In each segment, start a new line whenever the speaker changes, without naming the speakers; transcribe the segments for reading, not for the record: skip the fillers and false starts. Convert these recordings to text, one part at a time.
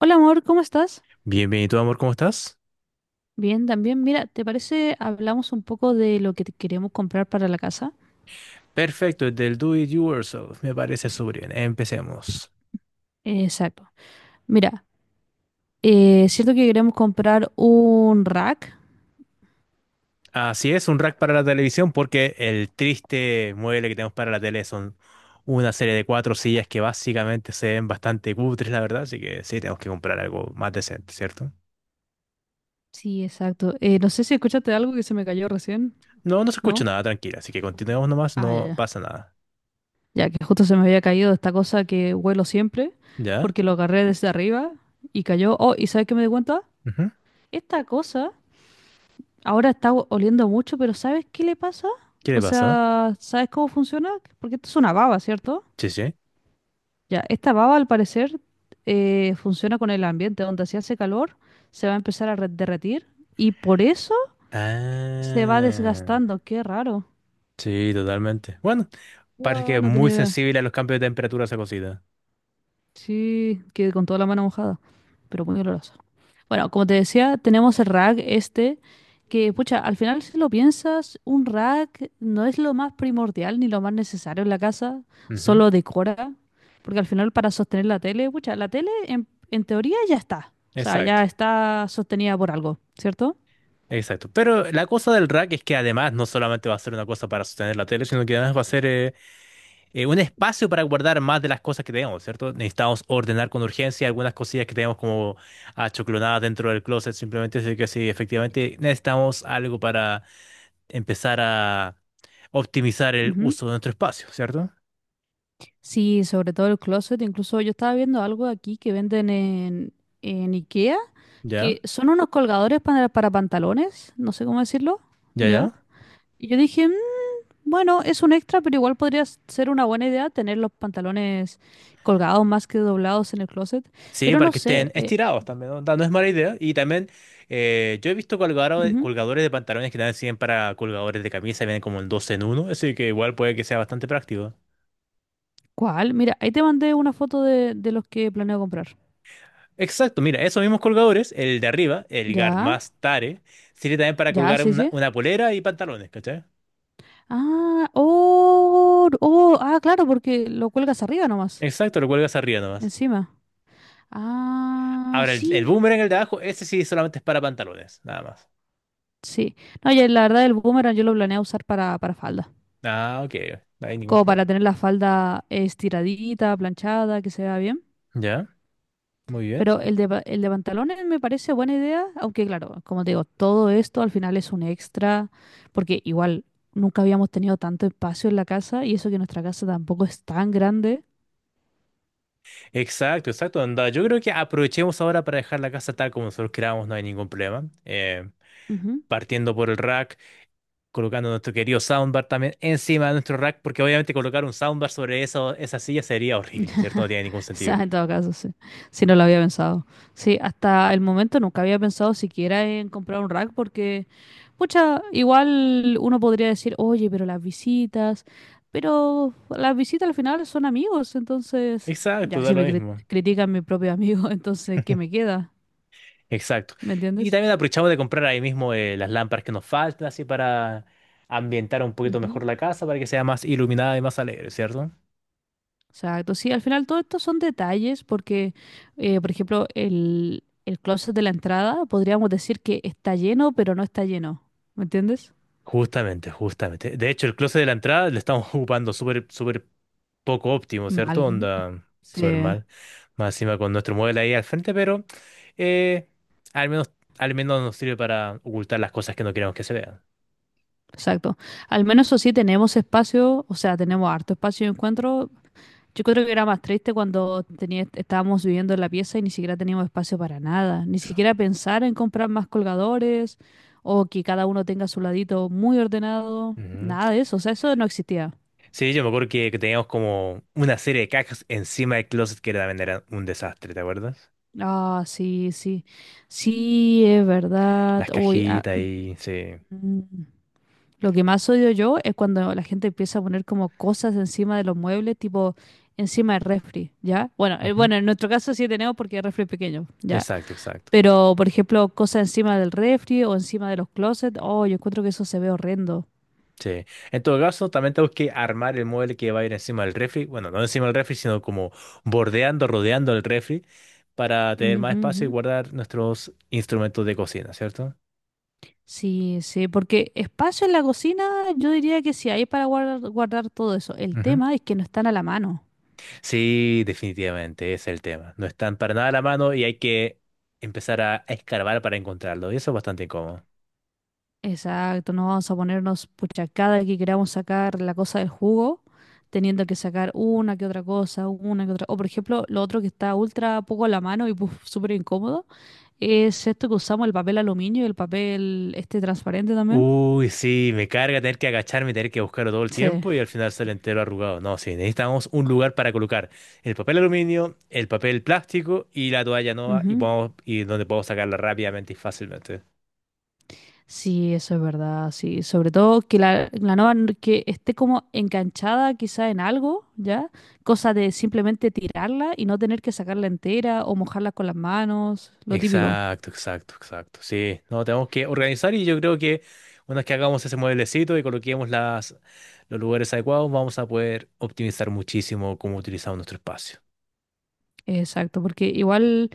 Hola amor, ¿cómo estás?
Bienvenido, amor, ¿cómo estás?
Bien, también. Mira, ¿te parece hablamos un poco de lo que te queremos comprar para la casa?
Perfecto, desde el Do It Yourself, me parece súper bien. Empecemos.
Exacto. Mira, es cierto que queremos comprar un rack.
Así es, un rack para la televisión, porque el triste mueble que tenemos para la tele son una serie de cuatro sillas que básicamente se ven bastante cutres, la verdad, así que sí, tenemos que comprar algo más decente, ¿cierto?
Sí, exacto. No sé si escuchaste algo que se me cayó recién,
No, no se escucha
¿no?
nada, tranquila, así que continuemos nomás,
Ah, ya,
no
ya.
pasa nada.
Ya que justo se me había caído esta cosa que huelo siempre,
¿Ya?
porque lo agarré desde arriba y cayó. Oh, ¿y sabes qué me di cuenta?
Ujú.
Esta cosa ahora está oliendo mucho, pero ¿sabes qué le pasa?
¿Qué le
O
pasó?
sea, ¿sabes cómo funciona? Porque esto es una baba, ¿cierto?
Sí, sí.
Ya, esta baba al parecer funciona con el ambiente, donde si hace calor se va a empezar a derretir y por eso se va
Ah,
desgastando. Qué raro.
sí, totalmente. Bueno, parece que
Guau,
es
no
muy
tenía idea.
sensible a los cambios de temperatura esa cosita.
Sí, que con toda la mano mojada, pero muy olorosa. Bueno, como te decía, tenemos el rack este, que, pucha, al final si lo piensas, un rack no es lo más primordial ni lo más necesario en la casa,
Ujú.
solo decora, porque al final para sostener la tele, pucha, la tele en teoría ya está, o sea,
Exacto,
ya está sostenida por algo, ¿cierto?
exacto. Pero la cosa del rack es que además no solamente va a ser una cosa para sostener la tele, sino que además va a ser un espacio para guardar más de las cosas que tenemos, ¿cierto? Necesitamos ordenar con urgencia algunas cosillas que tenemos como achoclonadas dentro del closet, simplemente así que sí, efectivamente necesitamos algo para empezar a optimizar el
Ujú.
uso de nuestro espacio, ¿cierto?
Sí, sobre todo el closet, incluso yo estaba viendo algo aquí que venden en IKEA
Ya,
que son unos colgadores para pantalones, no sé cómo decirlo,
ya,
¿ya?
ya.
Y yo dije, "Mm, bueno, es un extra, pero igual podría ser una buena idea tener los pantalones colgados más que doblados en el closet.
Sí,
Pero
para
no
que estén
sé,
estirados también, ¿no? No es mala idea. Y también yo he visto
ujú.
colgadores de pantalones que también sirven para colgadores de camisa, vienen como el 2 en uno, así que igual puede que sea bastante práctico.
¿Cuál? Mira, ahí te mandé una foto de los que planeo comprar.
Exacto, mira, esos mismos colgadores, el de arriba, el Guard
¿Ya?
más Tare, sirve también para
¿Ya?
colgar
Sí,
una,
sí.
una polera y pantalones, ¿cachai?
Ah, oh, oh, ah, claro, porque lo cuelgas arriba nomás,
Exacto, lo cuelgas arriba nomás.
encima. Ah,
Ahora, el
sí,
boomerang, el de abajo, ese sí solamente es para pantalones, nada más.
sí. No, ya la verdad el boomerang yo lo planeé usar para faldas.
Ah, ok, no hay ningún
Como para
problema.
tener la falda estiradita, planchada, que se vea bien.
¿Ya? Muy bien.
Pero el el de pantalones me parece buena idea, aunque claro, como te digo, todo esto al final es un extra, porque igual nunca habíamos tenido tanto espacio en la casa y eso que nuestra casa tampoco es tan grande.
Exacto, exacto. Anda, yo creo que aprovechemos ahora para dejar la casa tal como nosotros queramos, no hay ningún problema.
Ujú.
Partiendo por el rack, colocando nuestro querido soundbar también encima de nuestro rack, porque obviamente colocar un soundbar sobre eso, esa silla sería horrible, ¿cierto? No tiene ningún
O
sentido.
sea, en todo caso, sí. Sí, no lo había pensado. Sí, hasta el momento nunca había pensado siquiera en comprar un rack porque... Pucha, igual uno podría decir, oye, pero las visitas al final son amigos, entonces, ya,
Exacto, da
si
lo
me
mismo.
critican mi propio amigo, entonces, ¿qué me queda?
Exacto.
¿Me
Y
entiendes?
también aprovechamos de comprar ahí mismo las lámparas que nos faltan, así para ambientar un poquito
Ujú.
mejor la casa, para que sea más iluminada y más alegre, ¿cierto?
Exacto, sí, al final todo esto son detalles porque, por ejemplo, el closet de la entrada podríamos decir que está lleno, pero no está lleno, ¿me entiendes?
Justamente, justamente. De hecho, el closet de la entrada le estamos ocupando súper, súper poco óptimo, ¿cierto?
Mal,
Onda,
sí,
súper mal. Más encima con nuestro modelo ahí al frente, pero eh, al menos, al menos nos sirve para ocultar las cosas que no queremos que se vean.
exacto. Al menos eso sí tenemos espacio, o sea, tenemos harto espacio de encuentro. Yo creo que era más triste cuando tenía, estábamos viviendo en la pieza y ni siquiera teníamos espacio para nada, ni siquiera pensar en comprar más colgadores o que cada uno tenga su ladito muy ordenado,
Ujú.
nada de eso, o sea, eso no existía.
Sí, yo me acuerdo que, teníamos como una serie de cajas encima del closet que también era un desastre, ¿te acuerdas?
Ah, sí, sí, sí, es verdad.
Las
Uy, ah,
cajitas ahí, sí.
mm, lo que más odio yo es cuando la gente empieza a poner como cosas encima de los muebles, tipo encima del refri, ¿ya? Bueno,
Ujú.
bueno, en nuestro caso sí tenemos porque el refri es pequeño, ¿ya?
Exacto, exacto.
Pero, por ejemplo, cosas encima del refri o encima de los closets, oh, yo encuentro que eso se ve horrendo.
Sí. En todo caso, también tengo que armar el mueble que va a ir encima del refri. Bueno, no encima del refri, sino como bordeando, rodeando el refri para tener más
Ujú,
espacio
ujú.
y guardar nuestros instrumentos de cocina, ¿cierto?
Sí, sí, porque espacio en la cocina, yo diría que sí hay para guardar, guardar todo eso. El
Ujú.
tema es que no están a la mano.
Sí, definitivamente, ese es el tema. No están para nada a la mano y hay que empezar a escarbar para encontrarlo. Y eso es bastante incómodo.
Exacto, no vamos a ponernos, pucha, cada que queramos sacar la cosa del jugo, teniendo que sacar una que otra cosa, una que otra. O, por ejemplo, lo otro que está ultra poco a la mano y puf, súper incómodo, es esto que usamos, el papel aluminio y el papel este transparente también.
Uy, sí, me carga tener que agacharme, tener que buscarlo todo el
Sí.
tiempo y al final sale entero arrugado. No, sí, necesitamos un lugar para colocar el papel aluminio, el papel plástico y la toalla nueva y,
Ujú.
y donde podamos sacarla rápidamente y fácilmente.
Sí, eso es verdad, sí. Sobre todo que la nueva que esté como enganchada quizá en algo, ¿ya? Cosa de simplemente tirarla y no tener que sacarla entera o mojarla con las manos, lo típico.
Exacto, exacto, exacto. Sí, no, tenemos que organizar y yo creo que una vez que hagamos ese mueblecito y coloquemos los lugares adecuados, vamos a poder optimizar muchísimo cómo utilizamos nuestro espacio.
Exacto, porque igual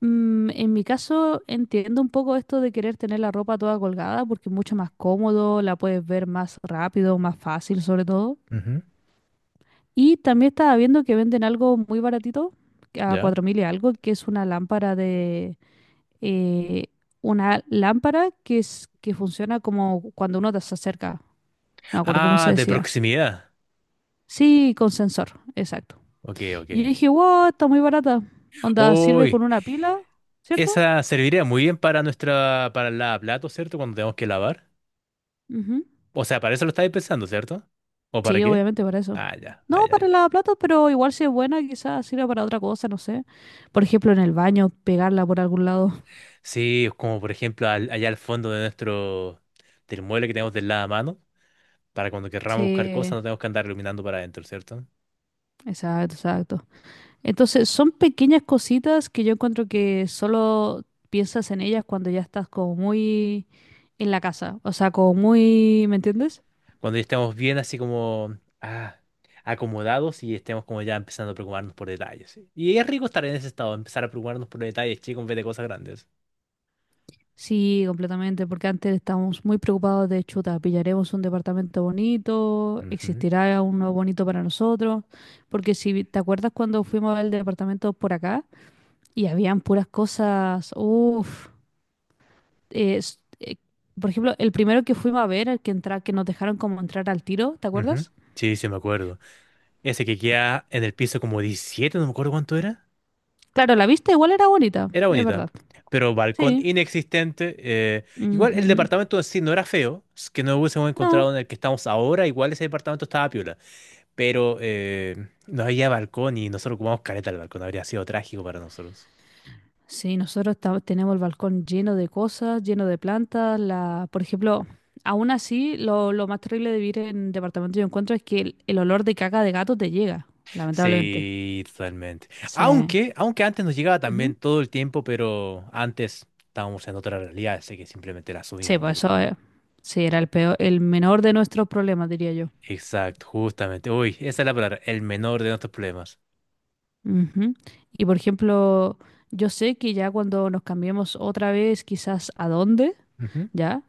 mm, en mi caso entiendo un poco esto de querer tener la ropa toda colgada porque es mucho más cómodo, la puedes ver más rápido, más fácil sobre todo.
Ujú.
Y también estaba viendo que venden algo muy baratito, a
¿Ya?
4.000 y algo, que es eh, una lámpara que funciona como cuando uno se acerca. No me acuerdo cómo se
Ah, de
decía.
proximidad.
Sí, con sensor, exacto.
Ok, ok.
Y yo dije, wow, está muy barata. Onda, sirve con
Uy.
una pila, ¿cierto?
Esa serviría muy bien para para la plato, ¿cierto? Cuando tenemos que lavar.
Ujú.
O sea, para eso lo estáis pensando, ¿cierto? ¿O para
Sí,
qué?
obviamente para eso.
Ah, ya, ah,
No,
ya,
para el
ya.
lavaplatos, pero igual si es buena, quizás sirva para otra cosa, no sé. Por ejemplo, en el baño, pegarla por algún lado.
Sí, es como por ejemplo allá al fondo de del mueble que tenemos del lavamano, para cuando querramos buscar cosas
Sí,
no tenemos que andar iluminando para adentro, ¿cierto?
exacto, exacto. Entonces, son pequeñas cositas que yo encuentro que solo piensas en ellas cuando ya estás como muy en la casa, o sea, como muy, ¿me entiendes?
Cuando ya estemos bien así como, ah, acomodados y estemos como ya empezando a preocuparnos por detalles, ¿sí? Y es rico estar en ese estado, empezar a preocuparnos por detalles, chicos, en vez de cosas grandes.
Sí, completamente, porque antes estábamos muy preocupados de chuta, pillaremos un departamento bonito,
Ujú,
existirá uno bonito para nosotros, porque si te acuerdas cuando fuimos al departamento por acá y habían puras cosas, uff, por ejemplo, el primero que fuimos a ver, el que entra, que nos dejaron como entrar al tiro, ¿te
ujú.
acuerdas?
Sí, sí, me acuerdo. Ese que queda en el piso como 17 no me acuerdo cuánto era.
Claro, la vista igual era bonita,
Era
es
bonita,
verdad.
pero balcón
Sí.
inexistente. Igual el
Ujú.
departamento en sí no era feo, es que no hubiésemos
No.
encontrado en el que estamos ahora, igual ese departamento estaba piola, pero no había balcón y nosotros ocupamos careta el balcón, habría sido trágico para nosotros.
Sí, nosotros tenemos el balcón lleno de cosas, lleno de plantas. La, por ejemplo, aún así, lo más terrible de vivir en departamento yo encuentro es que el olor de caca de gato te llega, lamentablemente.
Sí, totalmente.
Sí.
Aunque antes nos llegaba también
Ujú.
todo el tiempo, pero antes estábamos en otra realidad, así que simplemente la
Sí,
subíamos, yo
pues
creo.
eso sí, era el peor, el menor de nuestros problemas, diría yo.
Exacto, justamente. Uy, esa es la palabra, el menor de nuestros problemas.
Ujú. Y por ejemplo, yo sé que ya cuando nos cambiemos otra vez, quizás a dónde.
Ujú.
¿Ya?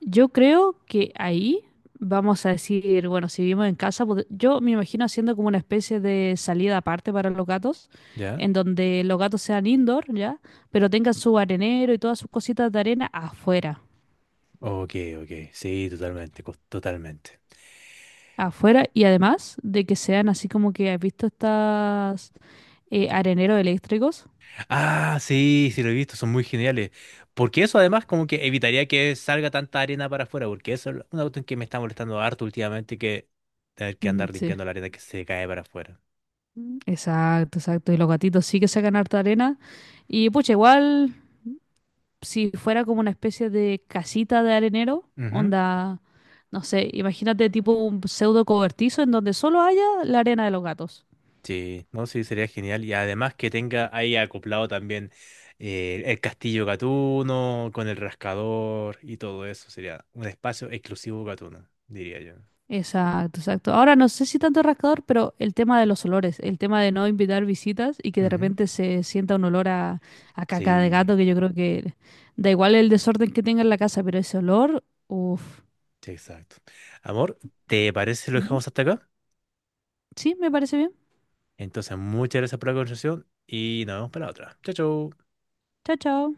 Yo creo que ahí vamos a decir, bueno, si vivimos en casa, yo me imagino haciendo como una especie de salida aparte para los gatos,
¿Ya?
en donde los gatos sean indoor, ¿ya? Pero tengan su arenero y todas sus cositas de arena afuera.
Ok, ok. Sí, totalmente, totalmente.
Afuera y además de que sean así como que has visto estas areneros eléctricos.
Ah, sí, sí lo he visto, son muy geniales. Porque eso además como que evitaría que salga tanta arena para afuera, porque eso es una cuestión que me está molestando harto últimamente, que tener que
Ujú,
andar
sí.
limpiando la arena que se cae para afuera.
Exacto, exacto. Y los gatitos sí que sacan harta arena. Y pucha, igual si fuera como una especie de casita de arenero,
Ujú.
onda, no sé, imagínate tipo un pseudo cobertizo en donde solo haya la arena de los gatos.
Sí, no, sí, sería genial. Y además que tenga ahí acoplado también el castillo Gatuno con el rascador y todo eso. Sería un espacio exclusivo Gatuno, diría yo.
Exacto, exacto. Ahora no sé si tanto rascador, pero el tema de los olores, el tema de no invitar visitas y que de
Ujú.
repente se sienta un olor a caca de
Sí.
gato, que yo creo que da igual el desorden que tenga en la casa, pero ese olor, uff.
Sí, exacto. Amor, ¿te parece si lo dejamos hasta acá?
Sí, me parece bien.
Entonces, muchas gracias por la conversación y nos vemos para la otra. Chao, chao.
Chao, chao.